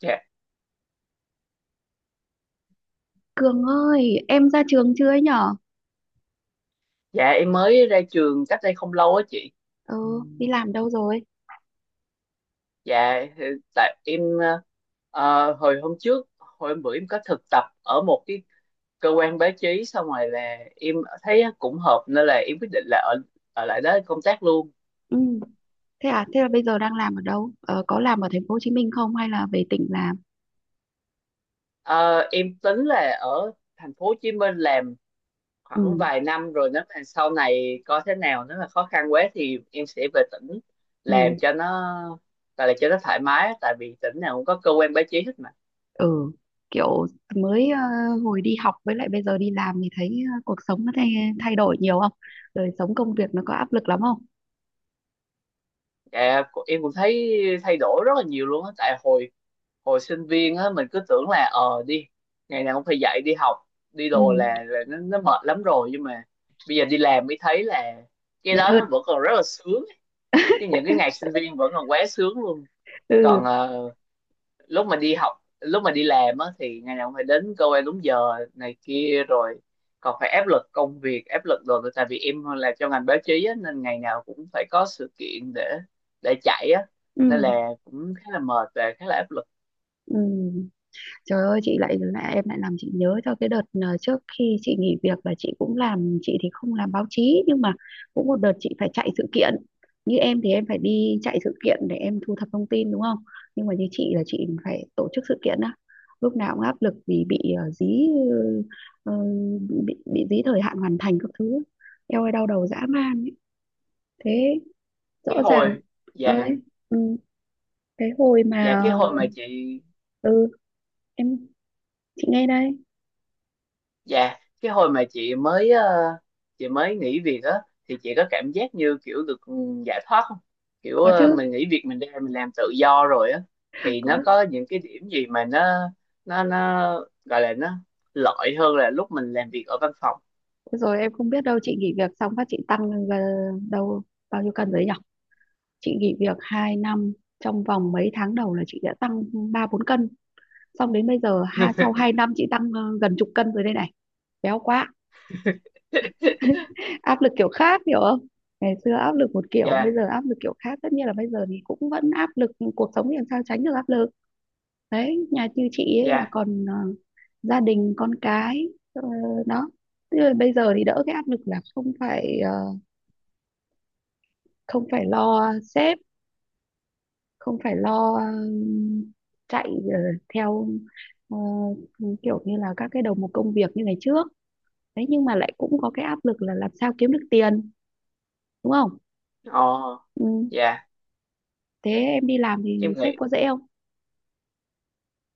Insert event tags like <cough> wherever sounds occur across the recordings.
Dạ, Cường ơi, em ra trường chưa ấy nhở? dạ, em mới ra trường cách đây không lâu á chị. Ừ, đi làm đâu rồi? Dạ, thì tại em hồi hôm bữa em có thực tập ở một cái cơ quan báo chí, xong rồi là em thấy cũng hợp nên là em quyết định là ở ở lại đó công tác luôn. Ừ, thế à, thế là bây giờ đang làm ở đâu? Ờ, có làm ở thành phố Hồ Chí Minh không hay là về tỉnh làm? Ờ, em tính là ở thành phố Hồ Chí Minh làm Ừ. khoảng vài năm, rồi nếu mà sau này coi thế nào, nếu mà khó khăn quá thì em sẽ về tỉnh Ừ. làm cho nó, tại là cho nó thoải mái á, tại vì tỉnh nào cũng có cơ quan báo chí hết. Ừ, kiểu mới, hồi đi học với lại bây giờ đi làm thì thấy, cuộc sống nó thay đổi nhiều không? Đời sống công việc nó có áp lực lắm không? Dạ, em cũng thấy thay đổi rất là nhiều luôn á, tại hồi hồi sinh viên á mình cứ tưởng là đi ngày nào cũng phải dậy đi học đi Ừ, đồ là nó mệt lắm rồi, nhưng mà bây giờ đi làm mới thấy là cái mệt đó hơn. nó vẫn còn rất là sướng. Những cái ngày <laughs> sinh viên vẫn còn quá sướng luôn. Ừ. Còn lúc mà đi học lúc mà đi làm á thì ngày nào cũng phải đến cơ quan đúng giờ này kia, rồi còn phải áp lực công việc, áp lực đồ, tại vì em làm trong ngành báo chí á, nên ngày nào cũng phải có sự kiện để chạy á, nên Ừ. là cũng khá là mệt và khá là áp lực. Ừ. Trời ơi, chị lại lại em lại làm chị nhớ cho cái đợt, trước khi chị nghỉ việc là chị cũng làm, chị thì không làm báo chí nhưng mà cũng một đợt chị phải chạy sự kiện, như em thì em phải đi chạy sự kiện để em thu thập thông tin đúng không, nhưng mà như chị là chị phải tổ chức sự kiện á, lúc nào cũng áp lực vì bị, dí, ờ, bị dí thời hạn hoàn thành các thứ. Eo ơi, đau đầu dã man ấy. Thế, Cái rõ ràng. hồi Dạ, Ơi. Ừ, cái hồi dạ, mà, cái hồi mà chị ờ, ừ, em, chị nghe đây. dạ, cái hồi mà chị mới chị mới nghỉ việc á thì chị có cảm giác như kiểu được giải thoát không? Kiểu Có chứ. mình nghỉ việc, mình ra mình làm tự do rồi á, À, thì có. nó có những cái điểm gì mà nó gọi là nó lợi hơn là lúc mình làm việc ở văn phòng. Thế rồi em không biết đâu, chị nghỉ việc xong phát chị tăng, ờ, đâu bao nhiêu cân đấy nhỉ? Chị nghỉ việc 2 năm, trong vòng mấy tháng đầu là chị đã tăng 3-4 cân. Xong đến bây giờ ha, sau 2 năm chị tăng, gần chục cân rồi đây này. Béo quá. <laughs> <laughs> Áp lực kiểu khác hiểu không? Ngày xưa áp lực một kiểu, bây Dạ, giờ áp lực kiểu khác. Tất nhiên là bây giờ thì cũng vẫn áp lực nhưng cuộc sống thì làm sao tránh được áp lực. Đấy, nhà như chị ấy là dạ. còn, gia đình con cái, ờ, đó. Thế rồi bây giờ thì đỡ cái áp lực là không phải lo sếp, không phải lo, chạy, ờ, theo, ờ, kiểu như là các cái đầu mục công việc như ngày trước đấy, nhưng mà lại cũng có cái áp lực là làm sao kiếm được tiền, đúng không. Ồ, Ừ. dạ. Thế em đi làm Em thì sếp nghĩ có dễ không?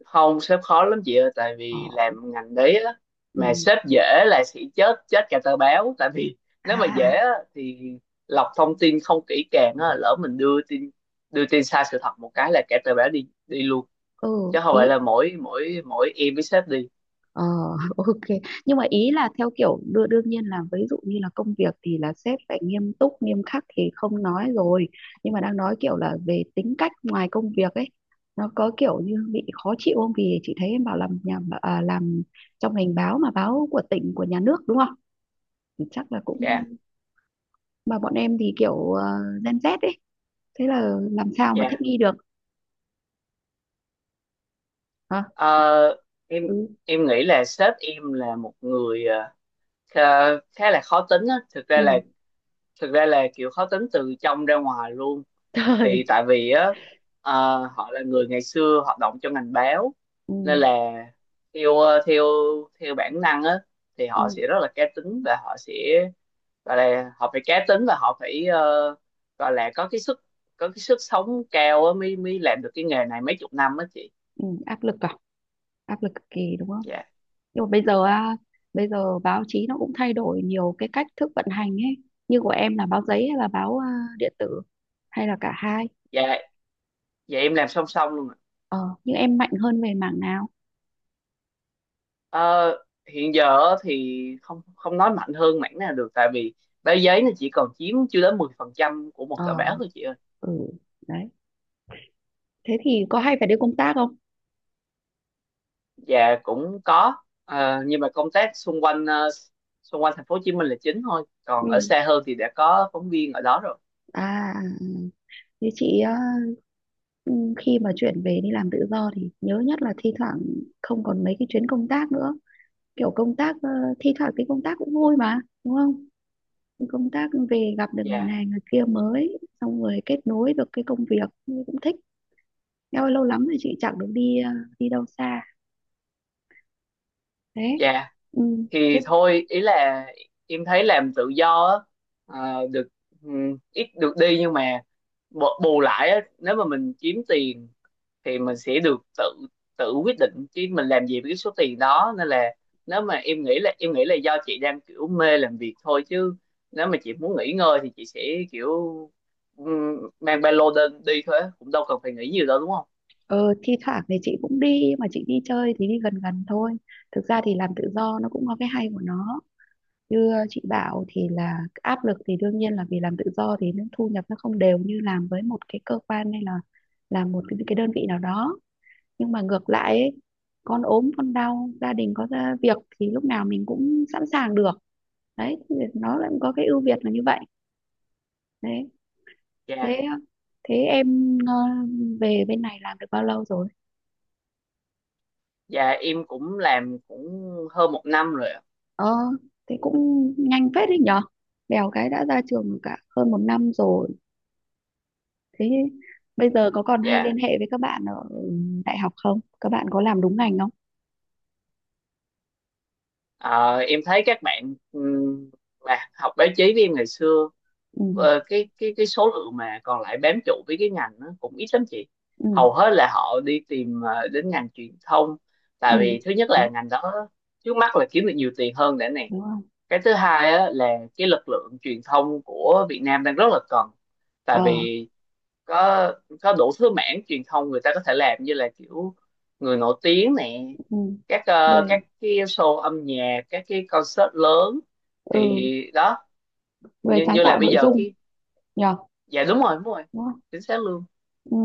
không, sếp khó lắm chị ơi, tại Ờ. vì làm ngành đấy á Ừ. mà sếp dễ là sẽ chết chết cả tờ báo. Tại vì nếu mà dễ À. á, thì lọc thông tin không kỹ càng á, lỡ mình đưa tin sai sự thật một cái là cả tờ báo đi đi luôn, Ừ. chứ không Ý. phải là mỗi mỗi mỗi em với sếp đi. Ờ, <laughs> ok. Nhưng mà ý là theo kiểu đưa, đương nhiên là ví dụ như là công việc thì là sếp phải nghiêm túc, nghiêm khắc thì không nói rồi. Nhưng mà đang nói kiểu là về tính cách ngoài công việc ấy, nó có kiểu như bị khó chịu không? Vì chị thấy em bảo làm nhà à, làm trong ngành báo mà báo của tỉnh của nhà nước đúng không? Thì chắc là cũng, Dạ, mà bọn em thì kiểu Gen Z ấy, thế là làm sao mà thích dạ. nghi được hả? Ờ, em Ừ. em nghĩ là sếp em là một người khá khá là khó tính á, thực ra Ừ. là, <laughs> kiểu khó tính từ trong ra ngoài luôn. Thì Trời. tại vì á họ là người ngày xưa hoạt động trong ngành báo, Ừ. nên là theo ờ, theo theo bản năng á, thì họ sẽ Ừ. rất là cá tính và họ sẽ gọi là họ phải cá tính và họ phải gọi là có cái sức sống cao á mới mới làm được cái nghề này mấy chục năm á chị. Ừ, áp lực à? Áp lực cực kỳ đúng không? Dạ, Nhưng mà bây giờ á, bây giờ báo chí nó cũng thay đổi nhiều cái cách thức vận hành ấy, như của em là báo giấy hay là báo à, điện tử, hay là cả hai? dạ, dạ, em làm song song luôn ạ. Ờ, nhưng em mạnh hơn về mảng nào? Ờ, hiện giờ á thì không không nói mạnh hơn mảng nào được, tại vì báo giấy nó chỉ còn chiếm chưa đến 10% của một Ờ. tờ báo thôi chị ơi. Ừ. Đấy. Thế thì có hay phải đi công tác không? Dạ, cũng có. Nhưng mà công tác xung quanh xung quanh thành phố Hồ Chí Minh là chính thôi, Ừ. còn ở xa hơn thì đã có phóng viên ở đó rồi. À. Ừ. Như chị á, ừ, khi mà chuyển về đi làm tự do thì nhớ nhất là thi thoảng không còn mấy cái chuyến công tác nữa. Kiểu công tác, thi thoảng cái công tác cũng vui mà đúng không, công tác về gặp được người Dạ, này người kia mới, xong rồi kết nối được cái công việc cũng thích. Eo ơi, lâu lắm rồi chị chẳng được đi, đi đâu xa. Đấy. dạ, Ừ. Thế, thì thôi, ý là em thấy làm tự do á, được, ít được đi, nhưng mà bù bù lại á, nếu mà mình kiếm tiền thì mình sẽ được tự tự quyết định chứ mình làm gì với cái số tiền đó, nên là nếu mà em nghĩ là do chị đang kiểu mê làm việc thôi, chứ nếu mà chị muốn nghỉ ngơi thì chị sẽ kiểu ừm, mang ba lô lên đi thôi á, cũng đâu cần phải nghĩ nhiều đâu đúng không? ờ, thi thoảng thì chị cũng đi mà chị đi chơi thì đi gần gần thôi. Thực ra thì làm tự do nó cũng có cái hay của nó, như chị bảo thì là áp lực thì đương nhiên là, vì làm tự do thì nó thu nhập nó không đều như làm với một cái cơ quan hay là làm một cái đơn vị nào đó, nhưng mà ngược lại ấy, con ốm con đau gia đình có ra việc thì lúc nào mình cũng sẵn sàng được. Đấy, thì nó lại có cái ưu việt là như vậy. Đấy. Dạ, Thế, thế em, về bên này làm được bao lâu rồi? dạ, em cũng làm cũng hơn một năm rồi ạ. Ờ, thế cũng nhanh phết đấy nhở, bèo cái đã ra trường cả hơn một năm rồi. Thế bây giờ có còn hay liên Dạ. hệ với các bạn ở đại học không, các bạn có làm đúng ngành không? Ờ, em thấy các bạn mà học báo chí với em ngày xưa, Ừ. Cái số lượng mà còn lại bám trụ với cái ngành nó cũng ít lắm chị. Ừ. Hầu hết là họ đi tìm đến ngành truyền thông, Ừ. tại vì thứ nhất Đấy. là ngành đó trước mắt là kiếm được nhiều tiền hơn đã nè. Đúng không? Cái thứ hai á, là cái lực lượng truyền thông của Việt Nam đang rất là cần, tại Ờ. vì có đủ thứ mảng truyền thông người ta có thể làm, như là kiểu người nổi tiếng nè, Ừ. các Về. các cái show âm nhạc, các cái concert lớn, Ừ, thì đó. người Như sáng như là tạo bây nội giờ dung. cái Nhờ. dạ đúng rồi, đúng rồi, Đúng không? chính xác luôn. Ừ.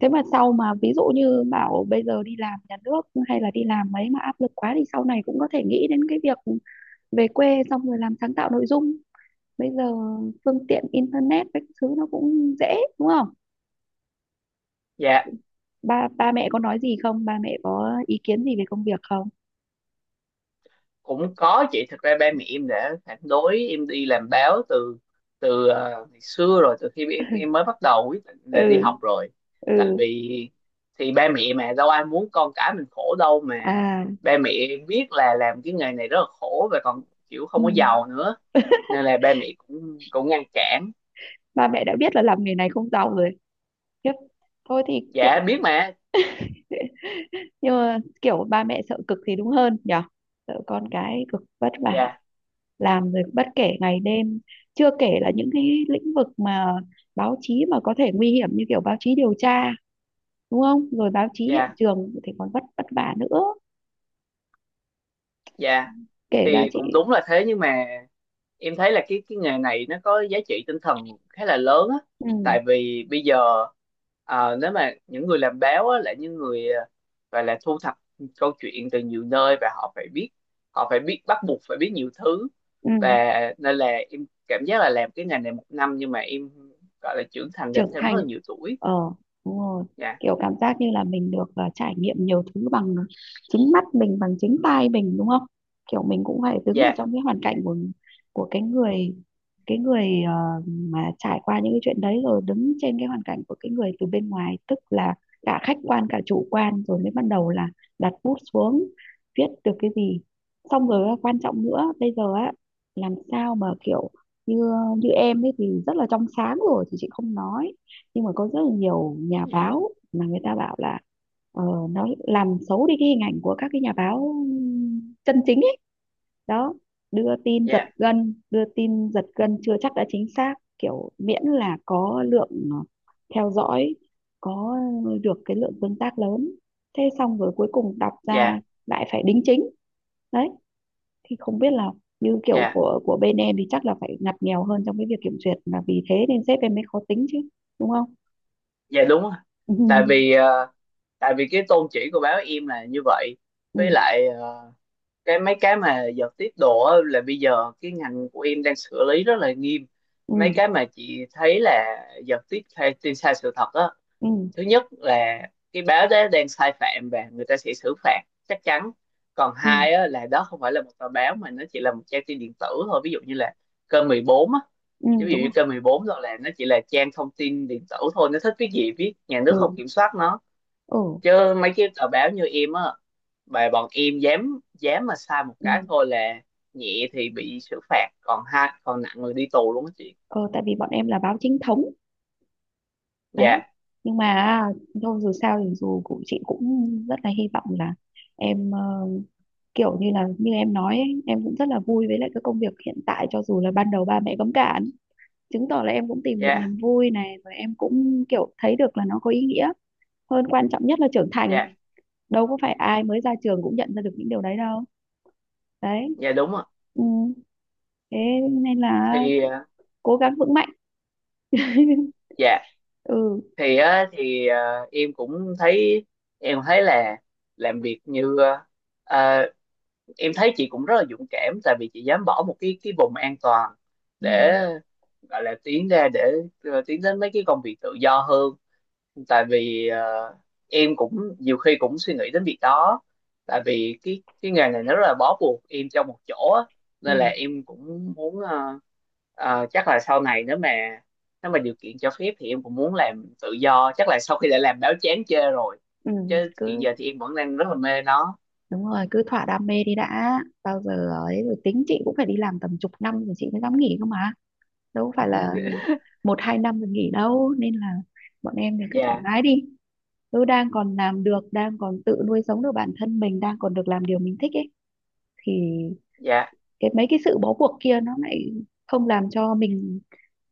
Thế mà sau, mà ví dụ như bảo bây giờ đi làm nhà nước hay là đi làm mấy mà áp lực quá thì sau này cũng có thể nghĩ đến cái việc về quê xong rồi làm sáng tạo nội dung, bây giờ phương tiện internet các thứ nó cũng dễ đúng không. Dạ, Ba ba mẹ có nói gì không, ba mẹ có ý kiến gì về công việc không? cũng có chị, thực ra ba mẹ em đã phản đối em đi làm báo từ từ ờ, ngày xưa rồi, từ khi em mới bắt đầu quyết định là đi Ừ. học rồi, tại Ừ. vì thì ba mẹ mà đâu ai muốn con cái mình khổ đâu mà. À. Ba mẹ em biết là làm cái nghề này rất là khổ và còn kiểu Ừ. không có giàu nữa, nên là ba mẹ cũng cũng ngăn cản. Ba mẹ đã biết là làm nghề này không giàu rồi. Khiếp. Thôi thì kiểu, Dạ, biết mà. nhưng mà kiểu ba mẹ sợ cực thì đúng hơn nhở, sợ con cái cực vất vả, Dạ, làm rồi bất kể ngày đêm, chưa kể là những cái lĩnh vực mà báo chí mà có thể nguy hiểm như kiểu báo chí điều tra đúng không, rồi báo chí hiện dạ, trường thì còn vất vất vả nữa. dạ, Kể ra thì cũng chị. đúng là thế, nhưng mà em thấy là cái nghề này nó có giá trị tinh thần khá là lớn á. Ừ. Tại vì bây giờ nếu mà những người làm báo á là những người, gọi là thu thập câu chuyện từ nhiều nơi, và họ phải biết, bắt buộc phải biết nhiều thứ, Ừ. và nên là em cảm giác là làm cái ngành này một năm nhưng mà em gọi là trưởng thành được Trưởng thêm rất thành. là nhiều tuổi. Ờ, đúng rồi, Dạ, kiểu cảm giác như là mình được, trải nghiệm nhiều thứ bằng chính mắt mình bằng chính tai mình đúng không, kiểu mình cũng phải đứng ở dạ, trong cái hoàn cảnh của, cái người, cái người, mà trải qua những cái chuyện đấy, rồi đứng trên cái hoàn cảnh của cái người từ bên ngoài, tức là cả khách quan cả chủ quan, rồi mới bắt đầu là đặt bút xuống viết được cái gì. Xong rồi á, quan trọng nữa bây giờ á, làm sao mà kiểu, như như em ấy thì rất là trong sáng rồi thì chị không nói, nhưng mà có rất là nhiều nhà dạ, báo mà người ta bảo là, ờ, nó làm xấu đi cái hình ảnh của các cái nhà báo chân chính ấy. Đó, đưa tin giật dạ, gân, đưa tin giật gân chưa chắc đã chính xác, kiểu miễn là có lượng, theo dõi, có được cái lượng tương tác lớn, thế xong rồi cuối cùng đọc ra dạ, lại phải đính chính. Đấy, thì không biết là, như kiểu dạ, của bên em thì chắc là phải ngặt nghèo hơn trong cái việc kiểm duyệt, là vì thế nên sếp em mới khó tính chứ đúng không. dạ, đúng rồi. Ừ. tại vì ờ, Tại vì cái tôn chỉ của báo em là như vậy. Với Ừ. lại cái mấy cái mà giật tiếp độ á, là bây giờ cái ngành của em đang xử lý rất là nghiêm Ừ. mấy cái mà chị thấy là giật tiếp hay tin sai sự thật á. Ừ. Thứ nhất là cái báo đó đang sai phạm và người ta sẽ xử phạt chắc chắn, còn Ừ. hai á, là đó không phải là một tờ báo mà nó chỉ là một trang tin điện tử thôi, ví dụ như là kênh 14 á, Ừ, ví dụ đúng như rồi. kênh 14 rồi, là nó chỉ là trang thông tin điện tử thôi, nó thích viết gì viết, nhà nước Ừ. không kiểm soát nó. Ừ. Chứ mấy cái tờ báo như em á, bài bọn em dám dám mà sai một Ừ. cái thôi là nhẹ thì bị xử phạt, còn hai còn nặng là đi tù luôn á chị. Ờ, tại vì bọn em là báo chính thống. Dạ, Đấy, nhưng mà thôi, dù sao thì dù cũng, chị cũng rất là hy vọng là em, kiểu như là như em nói ấy, em cũng rất là vui với lại cái công việc hiện tại, cho dù là ban đầu ba mẹ cấm cản, chứng tỏ là em cũng tìm được dạ, niềm vui này rồi, em cũng kiểu thấy được là nó có ý nghĩa hơn, quan trọng nhất là trưởng thành. dạ, Đâu có phải ai mới ra trường cũng nhận ra được những điều đấy đâu. Đấy. dạ, đúng ạ. Ừ. Thế nên là Thì cố gắng vững mạnh. <laughs> dạ, Ừ. thì á, thì em cũng thấy em thấy là làm việc như ờ, em thấy chị cũng rất là dũng cảm, tại vì chị dám bỏ một cái vùng an toàn, Ừ. để gọi là tiến ra, để tiến đến mấy cái công việc tự do hơn, tại vì em cũng nhiều khi cũng suy nghĩ đến việc đó, tại vì cái nghề này nó rất là bó buộc em trong một chỗ á. Nên là Ừ. em cũng muốn chắc là sau này nếu mà điều kiện cho phép thì em cũng muốn làm tự do, chắc là sau khi đã làm báo chán chê rồi, Ừ. chứ hiện Cứ, giờ thì em vẫn đang rất là mê nó. đúng rồi, cứ thỏa đam mê đi đã, bao giờ ấy rồi tính. Chị cũng phải đi làm tầm chục năm rồi chị mới dám nghỉ cơ mà, đâu phải là, <laughs> ừ, một hai năm rồi nghỉ đâu, nên là bọn em thì cứ thoải Dạ, mái đi, cứ đang còn làm được, đang còn tự nuôi sống được bản thân mình, đang còn được làm điều mình thích ấy, thì dạ, cái mấy cái sự bó buộc kia nó lại không làm cho mình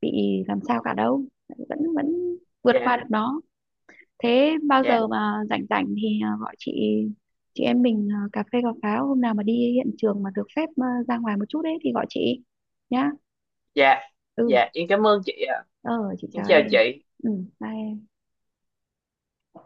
bị làm sao cả đâu, vẫn vẫn vượt dạ, qua được nó. Thế bao dạ, giờ mà rảnh rảnh thì à, gọi chị em mình à, cà phê cà pháo, hôm nào mà đi hiện trường mà được phép à, ra ngoài một chút ấy thì gọi chị nhá. dạ, Ừ. dạ, em cảm ơn chị ạ. Ờ, chị Em chào chào chị. em. Ừ, bye em.